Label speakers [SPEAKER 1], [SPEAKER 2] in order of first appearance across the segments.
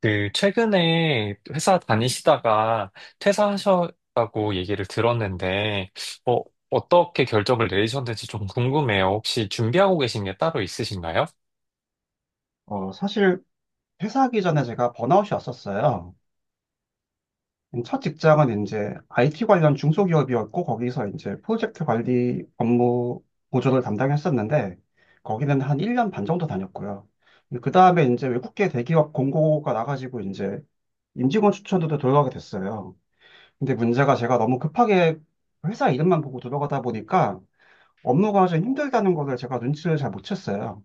[SPEAKER 1] 최근에 회사 다니시다가 퇴사하셨다고 얘기를 들었는데, 어, 어떻게 결정을 내리셨는지 좀 궁금해요. 혹시 준비하고 계신 게 따로 있으신가요?
[SPEAKER 2] 사실 회사 하기 전에 제가 번아웃이 왔었어요. 첫 직장은 이제 IT 관련 중소기업이었고 거기서 이제 프로젝트 관리 업무 보조를 담당했었는데 거기는 한 1년 반 정도 다녔고요. 그 다음에 이제 외국계 대기업 공고가 나가지고 이제 임직원 추천으로 들어가게 됐어요. 근데 문제가 제가 너무 급하게 회사 이름만 보고 들어가다 보니까 업무가 좀 힘들다는 거를 제가 눈치를 잘 못 챘어요.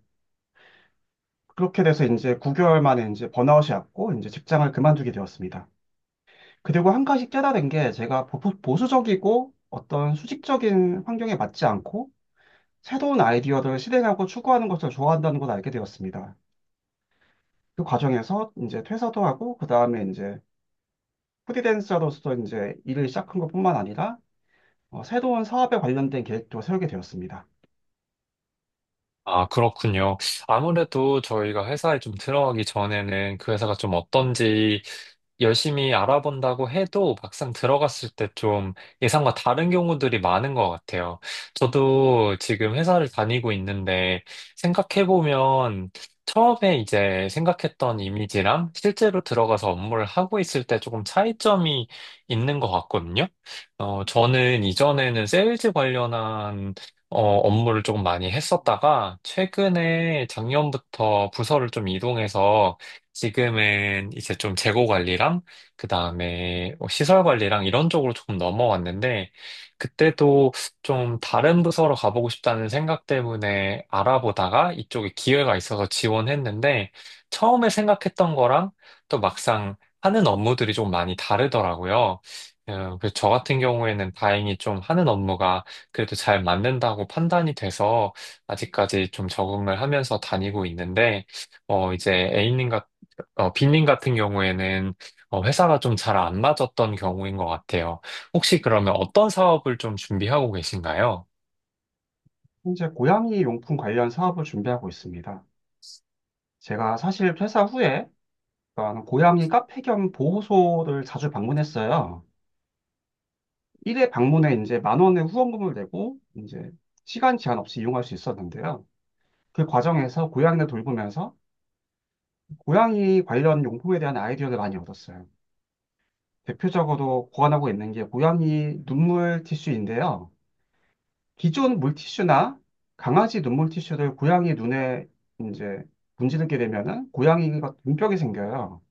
[SPEAKER 2] 그렇게 돼서 이제 9개월 만에 이제 번아웃이 왔고 이제 직장을 그만두게 되었습니다. 그리고 한 가지 깨달은 게 제가 보수적이고 어떤 수직적인 환경에 맞지 않고 새로운 아이디어를 실행하고 추구하는 것을 좋아한다는 걸 알게 되었습니다. 그 과정에서 이제 퇴사도 하고 그 다음에 이제 프리랜서로서 이제 일을 시작한 것뿐만 아니라 새로운 사업에 관련된 계획도 세우게 되었습니다.
[SPEAKER 1] 아, 그렇군요. 아무래도 저희가 회사에 좀 들어가기 전에는 그 회사가 좀 어떤지 열심히 알아본다고 해도 막상 들어갔을 때 좀 예상과 다른 경우들이 많은 것 같아요. 저도 지금 회사를 다니고 있는데, 생각해보면 처음에 이제 생각했던 이미지랑 실제로 들어가서 업무를 하고 있을 때 조금 차이점이 있는 것 같거든요. 저는 이전에는 세일즈 관련한 업무를 조금 많이 했었다가, 최근에 작년부터 부서를 좀 이동해서 지금은 이제 좀 재고 관리랑 그다음에 뭐 시설 관리랑 이런 쪽으로 조금 넘어왔는데, 그때도 좀 다른 부서로 가보고 싶다는 생각 때문에 알아보다가 이쪽에 기회가 있어서 지원했는데, 처음에 생각했던 거랑 또 막상 하는 업무들이 좀 많이 다르더라고요. 그래서 저 같은 경우에는 다행히 좀 하는 업무가 그래도 잘 맞는다고 판단이 돼서 아직까지 좀 적응을 하면서 다니고 있는데, 이제 A님, 빈님 같은 경우에는 회사가 좀 잘 안 맞았던 경우인 것 같아요. 혹시 그러면 어떤 사업을 좀 준비하고 계신가요?
[SPEAKER 2] 현재 고양이 용품 관련 사업을 준비하고 있습니다. 제가 사실 퇴사 후에 어떤 고양이 카페 겸 보호소를 자주 방문했어요. 1회 방문에 이제 만 원의 후원금을 내고 이제 시간 제한 없이 이용할 수 있었는데요. 그 과정에서 고양이를 돌보면서 고양이 관련 용품에 대한 아이디어를 많이 얻었어요. 대표적으로 고안하고 있는 게 고양이 눈물 티슈인데요. 기존 물티슈나 강아지 눈물 티슈를 고양이 눈에 이제 문지르게 되면은 고양이가 눈병이 생겨요.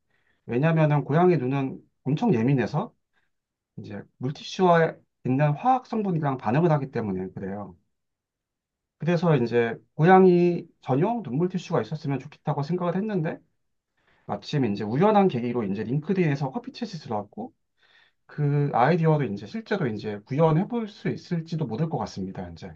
[SPEAKER 2] 왜냐면은 고양이 눈은 엄청 예민해서 이제 물티슈와 있는 화학 성분이랑 반응을 하기 때문에 그래요. 그래서 이제 고양이 전용 눈물 티슈가 있었으면 좋겠다고 생각을 했는데 마침 이제 우연한 계기로 이제 링크드인에서 커피 챗이 들어왔고 그 아이디어를 이제 실제로 이제 구현해 볼 수 있을지도 모를 것 같습니다, 이제.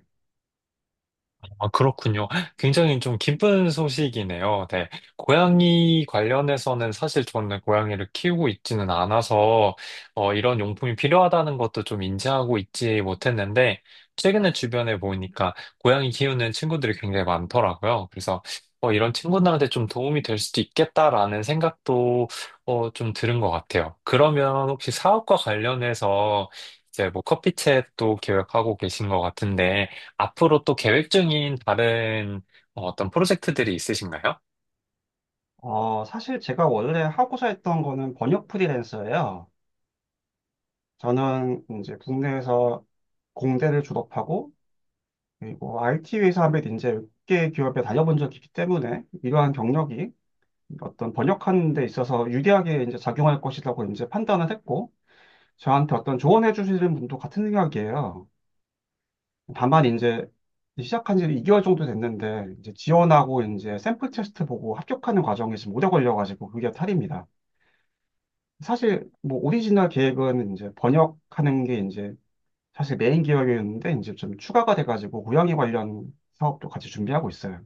[SPEAKER 1] 아, 그렇군요. 굉장히 좀 기쁜 소식이네요. 네. 고양이 관련해서는 사실 저는 고양이를 키우고 있지는 않아서, 이런 용품이 필요하다는 것도 좀 인지하고 있지 못했는데, 최근에 주변에 보니까 고양이 키우는 친구들이 굉장히 많더라고요. 그래서 이런 친구들한테 좀 도움이 될 수도 있겠다라는 생각도 좀 들은 것 같아요. 그러면 혹시 사업과 관련해서 이제 뭐 커피챗도 계획하고 계신 것 같은데, 앞으로 또 계획 중인 다른 어떤 프로젝트들이 있으신가요?
[SPEAKER 2] 사실 제가 원래 하고자 했던 거는 번역 프리랜서예요. 저는 이제 국내에서 공대를 졸업하고 그리고 IT 회사에 이제 6개 기업에 다녀본 적이 있기 때문에 이러한 경력이 어떤 번역하는 데 있어서 유리하게 이제 작용할 것이라고 이제 판단을 했고 저한테 어떤 조언해 주시는 분도 같은 생각이에요. 다만 이제 시작한 지 2개월 정도 됐는데 이제 지원하고 이제 샘플 테스트 보고 합격하는 과정이 지금 오래 걸려가지고 그게 탈입니다. 사실 뭐 오리지널 계획은 이제 번역하는 게 이제 사실 메인 계획이었는데 이제 좀 추가가 돼가지고 고양이 관련 사업도 같이 준비하고 있어요.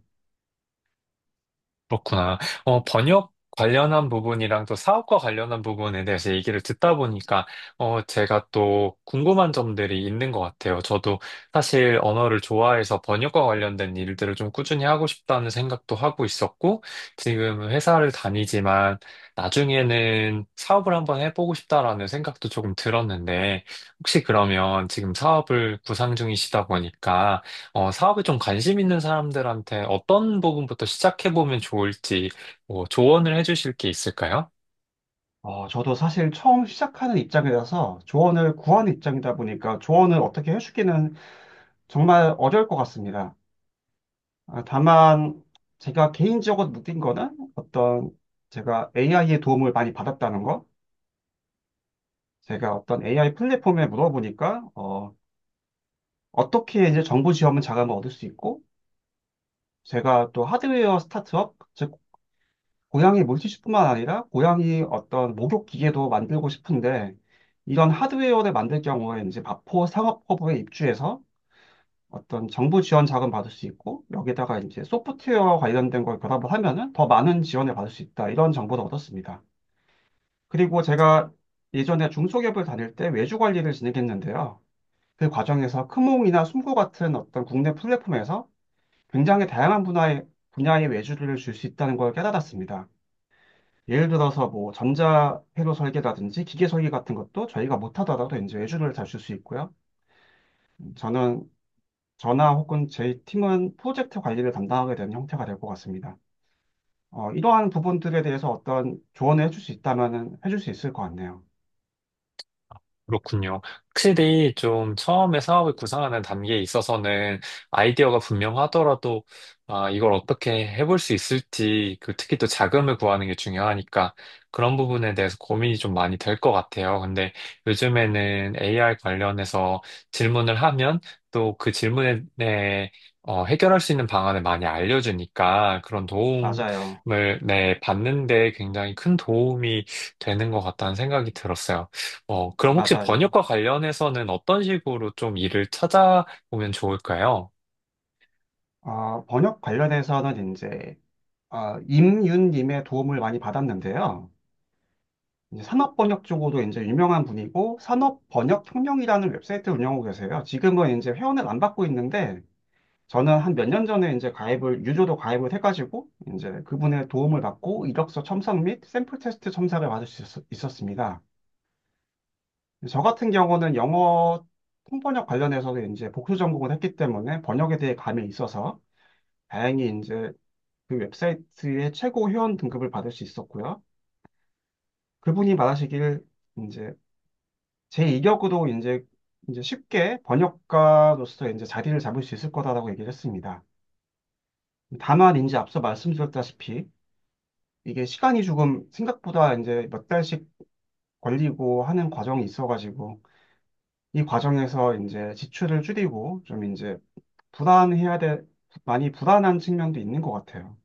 [SPEAKER 1] 그렇구나. 번역 관련한 부분이랑 또 사업과 관련한 부분에 대해서 얘기를 듣다 보니까, 제가 또 궁금한 점들이 있는 것 같아요. 저도 사실 언어를 좋아해서 번역과 관련된 일들을 좀 꾸준히 하고 싶다는 생각도 하고 있었고, 지금 회사를 다니지만 나중에는 사업을 한번 해보고 싶다라는 생각도 조금 들었는데, 혹시 그러면 지금 사업을 구상 중이시다 보니까, 사업에 좀 관심 있는 사람들한테 어떤 부분부터 시작해보면 좋을지, 뭐 조언을 해주실 게 있을까요?
[SPEAKER 2] 저도 사실 처음 시작하는 입장이라서 조언을 구하는 입장이다 보니까 조언을 어떻게 해주기는 정말 어려울 것 같습니다. 아, 다만 제가 개인적으로 느낀 거는 어떤 제가 AI의 도움을 많이 받았다는 거. 제가 어떤 AI 플랫폼에 물어보니까 어떻게 이제 정보 지원은 자금을 얻을 수 있고 제가 또 하드웨어 스타트업, 즉 고양이 물티슈뿐만 아니라 고양이 어떤 목욕 기계도 만들고 싶은데 이런 하드웨어를 만들 경우에 이제 마포 상업허브에 입주해서 어떤 정부 지원 자금 받을 수 있고 여기다가 이제 소프트웨어와 관련된 걸 결합을 하면은 더 많은 지원을 받을 수 있다. 이런 정보를 얻었습니다. 그리고 제가 예전에 중소기업을 다닐 때 외주 관리를 진행했는데요. 그 과정에서 크몽이나 숨고 같은 어떤 국내 플랫폼에서 굉장히 다양한 분야의 외주를 줄 수 있다는 걸 깨달았습니다. 예를 들어서 뭐 전자 회로 설계라든지 기계 설계 같은 것도 저희가 못하더라도 이제 외주를 잘 줄 수 있고요. 저는 저나 혹은 제 팀은 프로젝트 관리를 담당하게 되는 형태가 될 것 같습니다. 이러한 부분들에 대해서 어떤 조언을 해줄 수 있다면은 해줄 수 있을 것 같네요.
[SPEAKER 1] 그렇군요. 확실히 좀 처음에 사업을 구상하는 단계에 있어서는, 아이디어가 분명하더라도 아, 이걸 어떻게 해볼 수 있을지, 그 특히 또 자금을 구하는 게 중요하니까 그런 부분에 대해서 고민이 좀 많이 될 것 같아요. 근데 요즘에는 AI 관련해서 질문을 하면 또 그 질문에, 네, 해결할 수 있는 방안을 많이 알려주니까, 그런 도움을,
[SPEAKER 2] 맞아요.
[SPEAKER 1] 네, 받는데 굉장히 큰 도움이 되는 것 같다는 생각이 들었어요. 그럼 혹시
[SPEAKER 2] 맞아요.
[SPEAKER 1] 번역과 관련해서는 어떤 식으로 좀 일을 찾아보면 좋을까요?
[SPEAKER 2] 번역 관련해서는 이제 임윤님의 도움을 많이 받았는데요. 이제 산업 번역 쪽으로 이제 유명한 분이고 산업 번역 혁명이라는 웹사이트를 운영하고 계세요. 지금은 이제 회원을 안 받고 있는데 저는 한 몇 년 전에 이제 가입을, 유저도 가입을 해가지고, 이제 그분의 도움을 받고 이력서 첨삭 및 샘플 테스트 첨삭을 받을 수 있었습니다. 저 같은 경우는 영어 통번역 관련해서는 이제 복수 전공을 했기 때문에 번역에 대해 감이 있어서 다행히 이제 그 웹사이트의 최고 회원 등급을 받을 수 있었고요. 그분이 말하시길 이제 제 이력으로 이제 쉽게 번역가로서 이제 자리를 잡을 수 있을 거다라고 얘기를 했습니다. 다만 이제 앞서 말씀드렸다시피 이게 시간이 조금 생각보다 이제 몇 달씩 걸리고 하는 과정이 있어가지고 이 과정에서 이제 지출을 줄이고 좀 이제 불안해야 돼, 많이 불안한 측면도 있는 것 같아요.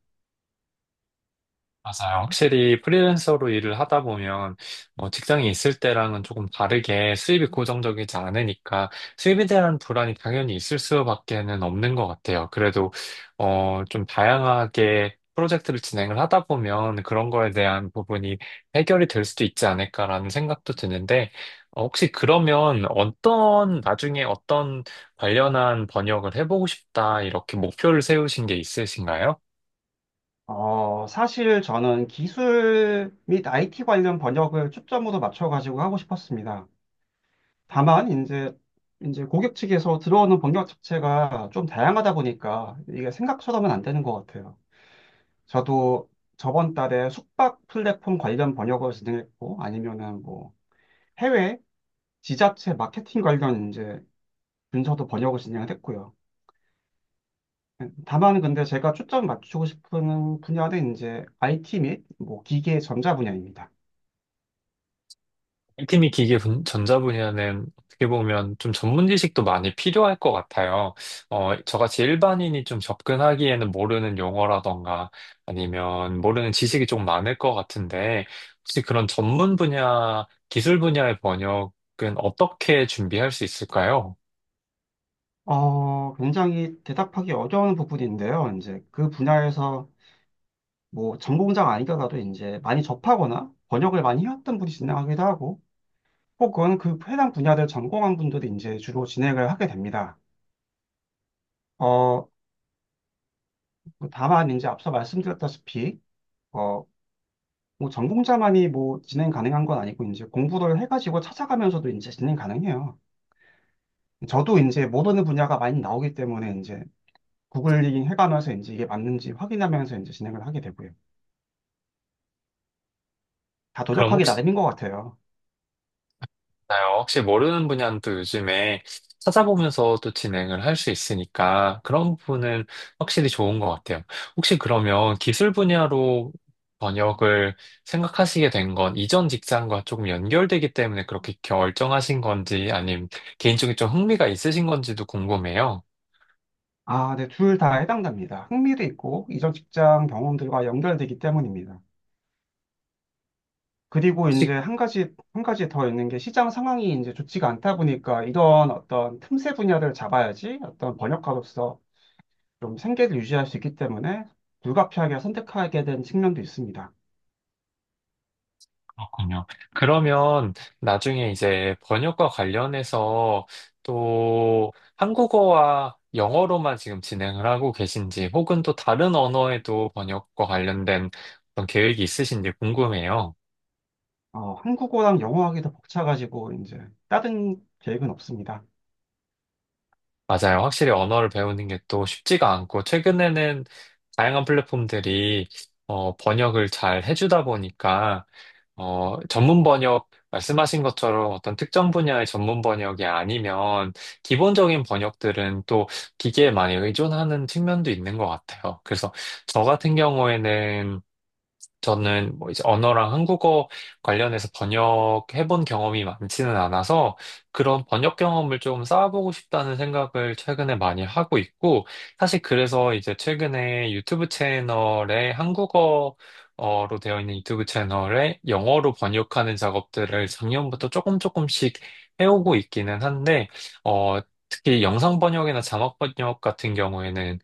[SPEAKER 1] 맞아요. 확실히 프리랜서로 일을 하다 보면 뭐 직장에 있을 때랑은 조금 다르게 수입이 고정적이지 않으니까 수입에 대한 불안이 당연히 있을 수밖에는 없는 것 같아요. 그래도 좀 다양하게 프로젝트를 진행을 하다 보면 그런 거에 대한 부분이 해결이 될 수도 있지 않을까라는 생각도 드는데, 혹시 그러면 어떤, 나중에 어떤 관련한 번역을 해보고 싶다 이렇게 목표를 세우신 게 있으신가요?
[SPEAKER 2] 사실 저는 기술 및 IT 관련 번역을 초점으로 맞춰가지고 하고 싶었습니다. 다만 이제 고객 측에서 들어오는 번역 자체가 좀 다양하다 보니까 이게 생각처럼은 안 되는 것 같아요. 저도 저번 달에 숙박 플랫폼 관련 번역을 진행했고, 아니면은 뭐 해외 지자체 마케팅 관련 이제 문서도 번역을 진행을 했고요. 다만 근데 제가 초점 맞추고 싶은 분야는 이제 IT 및 뭐 기계 전자 분야입니다.
[SPEAKER 1] 팀이 기계 전자 분야는 어떻게 보면 좀 전문 지식도 많이 필요할 것 같아요. 저같이 일반인이 좀 접근하기에는 모르는 용어라던가 아니면 모르는 지식이 좀 많을 것 같은데, 혹시 그런 전문 분야, 기술 분야의 번역은 어떻게 준비할 수 있을까요?
[SPEAKER 2] 굉장히 대답하기 어려운 부분인데요. 이제 그 분야에서 뭐 전공자가 아니더라도 이제 많이 접하거나 번역을 많이 해왔던 분이 진행하기도 하고, 혹은 그 해당 분야를 전공한 분들이 이제 주로 진행을 하게 됩니다. 어, 그 다만 이제 앞서 말씀드렸다시피 어, 뭐 전공자만이 뭐 진행 가능한 건 아니고 이제 공부를 해가지고 찾아가면서도 이제 진행 가능해요. 저도 이제 모르는 분야가 많이 나오기 때문에 이제 구글링 해가면서 이제 이게 맞는지 확인하면서 이제 진행을 하게 되고요. 다
[SPEAKER 1] 그럼
[SPEAKER 2] 노력하기
[SPEAKER 1] 혹시.
[SPEAKER 2] 나름인 것 같아요.
[SPEAKER 1] 맞아요. 혹시 모르는 분야는 또 요즘에 찾아보면서 또 진행을 할 수 있으니까 그런 부분은 확실히 좋은 것 같아요. 혹시 그러면 기술 분야로 번역을 생각하시게 된 건 이전 직장과 조금 연결되기 때문에 그렇게 결정하신 건지, 아님 개인적인 좀 흥미가 있으신 건지도 궁금해요.
[SPEAKER 2] 아, 네, 둘 다 해당됩니다. 흥미도 있고 이전 직장 경험들과 연결되기 때문입니다. 그리고
[SPEAKER 1] 혹시.
[SPEAKER 2] 이제 한 가지 더 있는 게 시장 상황이 이제 좋지가 않다 보니까 이런 어떤 틈새 분야를 잡아야지 어떤 번역가로서 좀 생계를 유지할 수 있기 때문에 불가피하게 선택하게 된 측면도 있습니다.
[SPEAKER 1] 그렇군요. 그러면 나중에 이제 번역과 관련해서 또 한국어와 영어로만 지금 진행을 하고 계신지 혹은 또 다른 언어에도 번역과 관련된 어떤 계획이 있으신지 궁금해요.
[SPEAKER 2] 한국어랑 영어하기 더 벅차가지고 이제 다른 계획은 없습니다.
[SPEAKER 1] 맞아요. 확실히 언어를 배우는 게 또 쉽지가 않고, 최근에는 다양한 플랫폼들이 번역을 잘 해주다 보니까, 전문 번역, 말씀하신 것처럼 어떤 특정 분야의 전문 번역이 아니면 기본적인 번역들은 또 기계에 많이 의존하는 측면도 있는 것 같아요. 그래서 저 같은 경우에는, 저는 뭐 이제 언어랑 한국어 관련해서 번역해본 경험이 많지는 않아서 그런 번역 경험을 좀 쌓아보고 싶다는 생각을 최근에 많이 하고 있고, 사실 그래서 이제 최근에 유튜브 채널에, 한국어로 되어 있는 유튜브 채널에 영어로 번역하는 작업들을 작년부터 조금 조금씩 해오고 있기는 한데, 어, 특히 영상 번역이나 자막 번역 같은 경우에는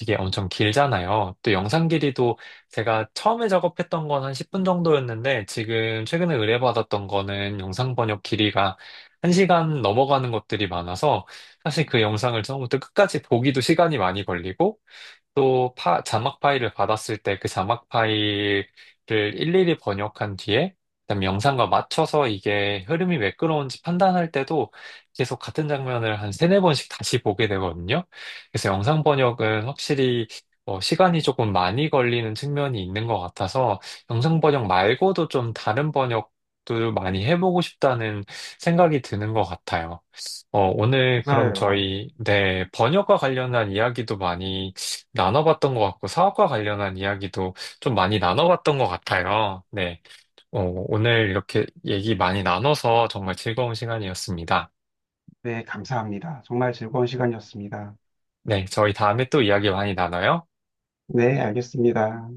[SPEAKER 1] 이게 엄청 길잖아요. 또 영상 길이도, 제가 처음에 작업했던 건 한 10분 정도였는데, 지금 최근에 의뢰받았던 거는 영상 번역 길이가 1시간 넘어가는 것들이 많아서, 사실 그 영상을 처음부터 끝까지 보기도 시간이 많이 걸리고, 또 자막 파일을 받았을 때 그 자막 파일을 일일이 번역한 뒤에 그다음 영상과 맞춰서 이게 흐름이 매끄러운지 판단할 때도 계속 같은 장면을 한 세네 번씩 다시 보게 되거든요. 그래서 영상 번역은 확실히 시간이 조금 많이 걸리는 측면이 있는 것 같아서 영상 번역 말고도 좀 다른 번역도 많이 해보고 싶다는 생각이 드는 것 같아요. 오늘 그럼
[SPEAKER 2] 맞아요.
[SPEAKER 1] 저희, 네, 번역과 관련한 이야기도 많이 나눠봤던 것 같고, 사업과 관련한 이야기도 좀 많이 나눠봤던 것 같아요. 네, 어, 오늘 이렇게 얘기 많이 나눠서 정말 즐거운 시간이었습니다.
[SPEAKER 2] 네, 감사합니다. 정말 즐거운 시간이었습니다.
[SPEAKER 1] 네, 저희 다음에 또 이야기 많이 나눠요.
[SPEAKER 2] 네, 알겠습니다.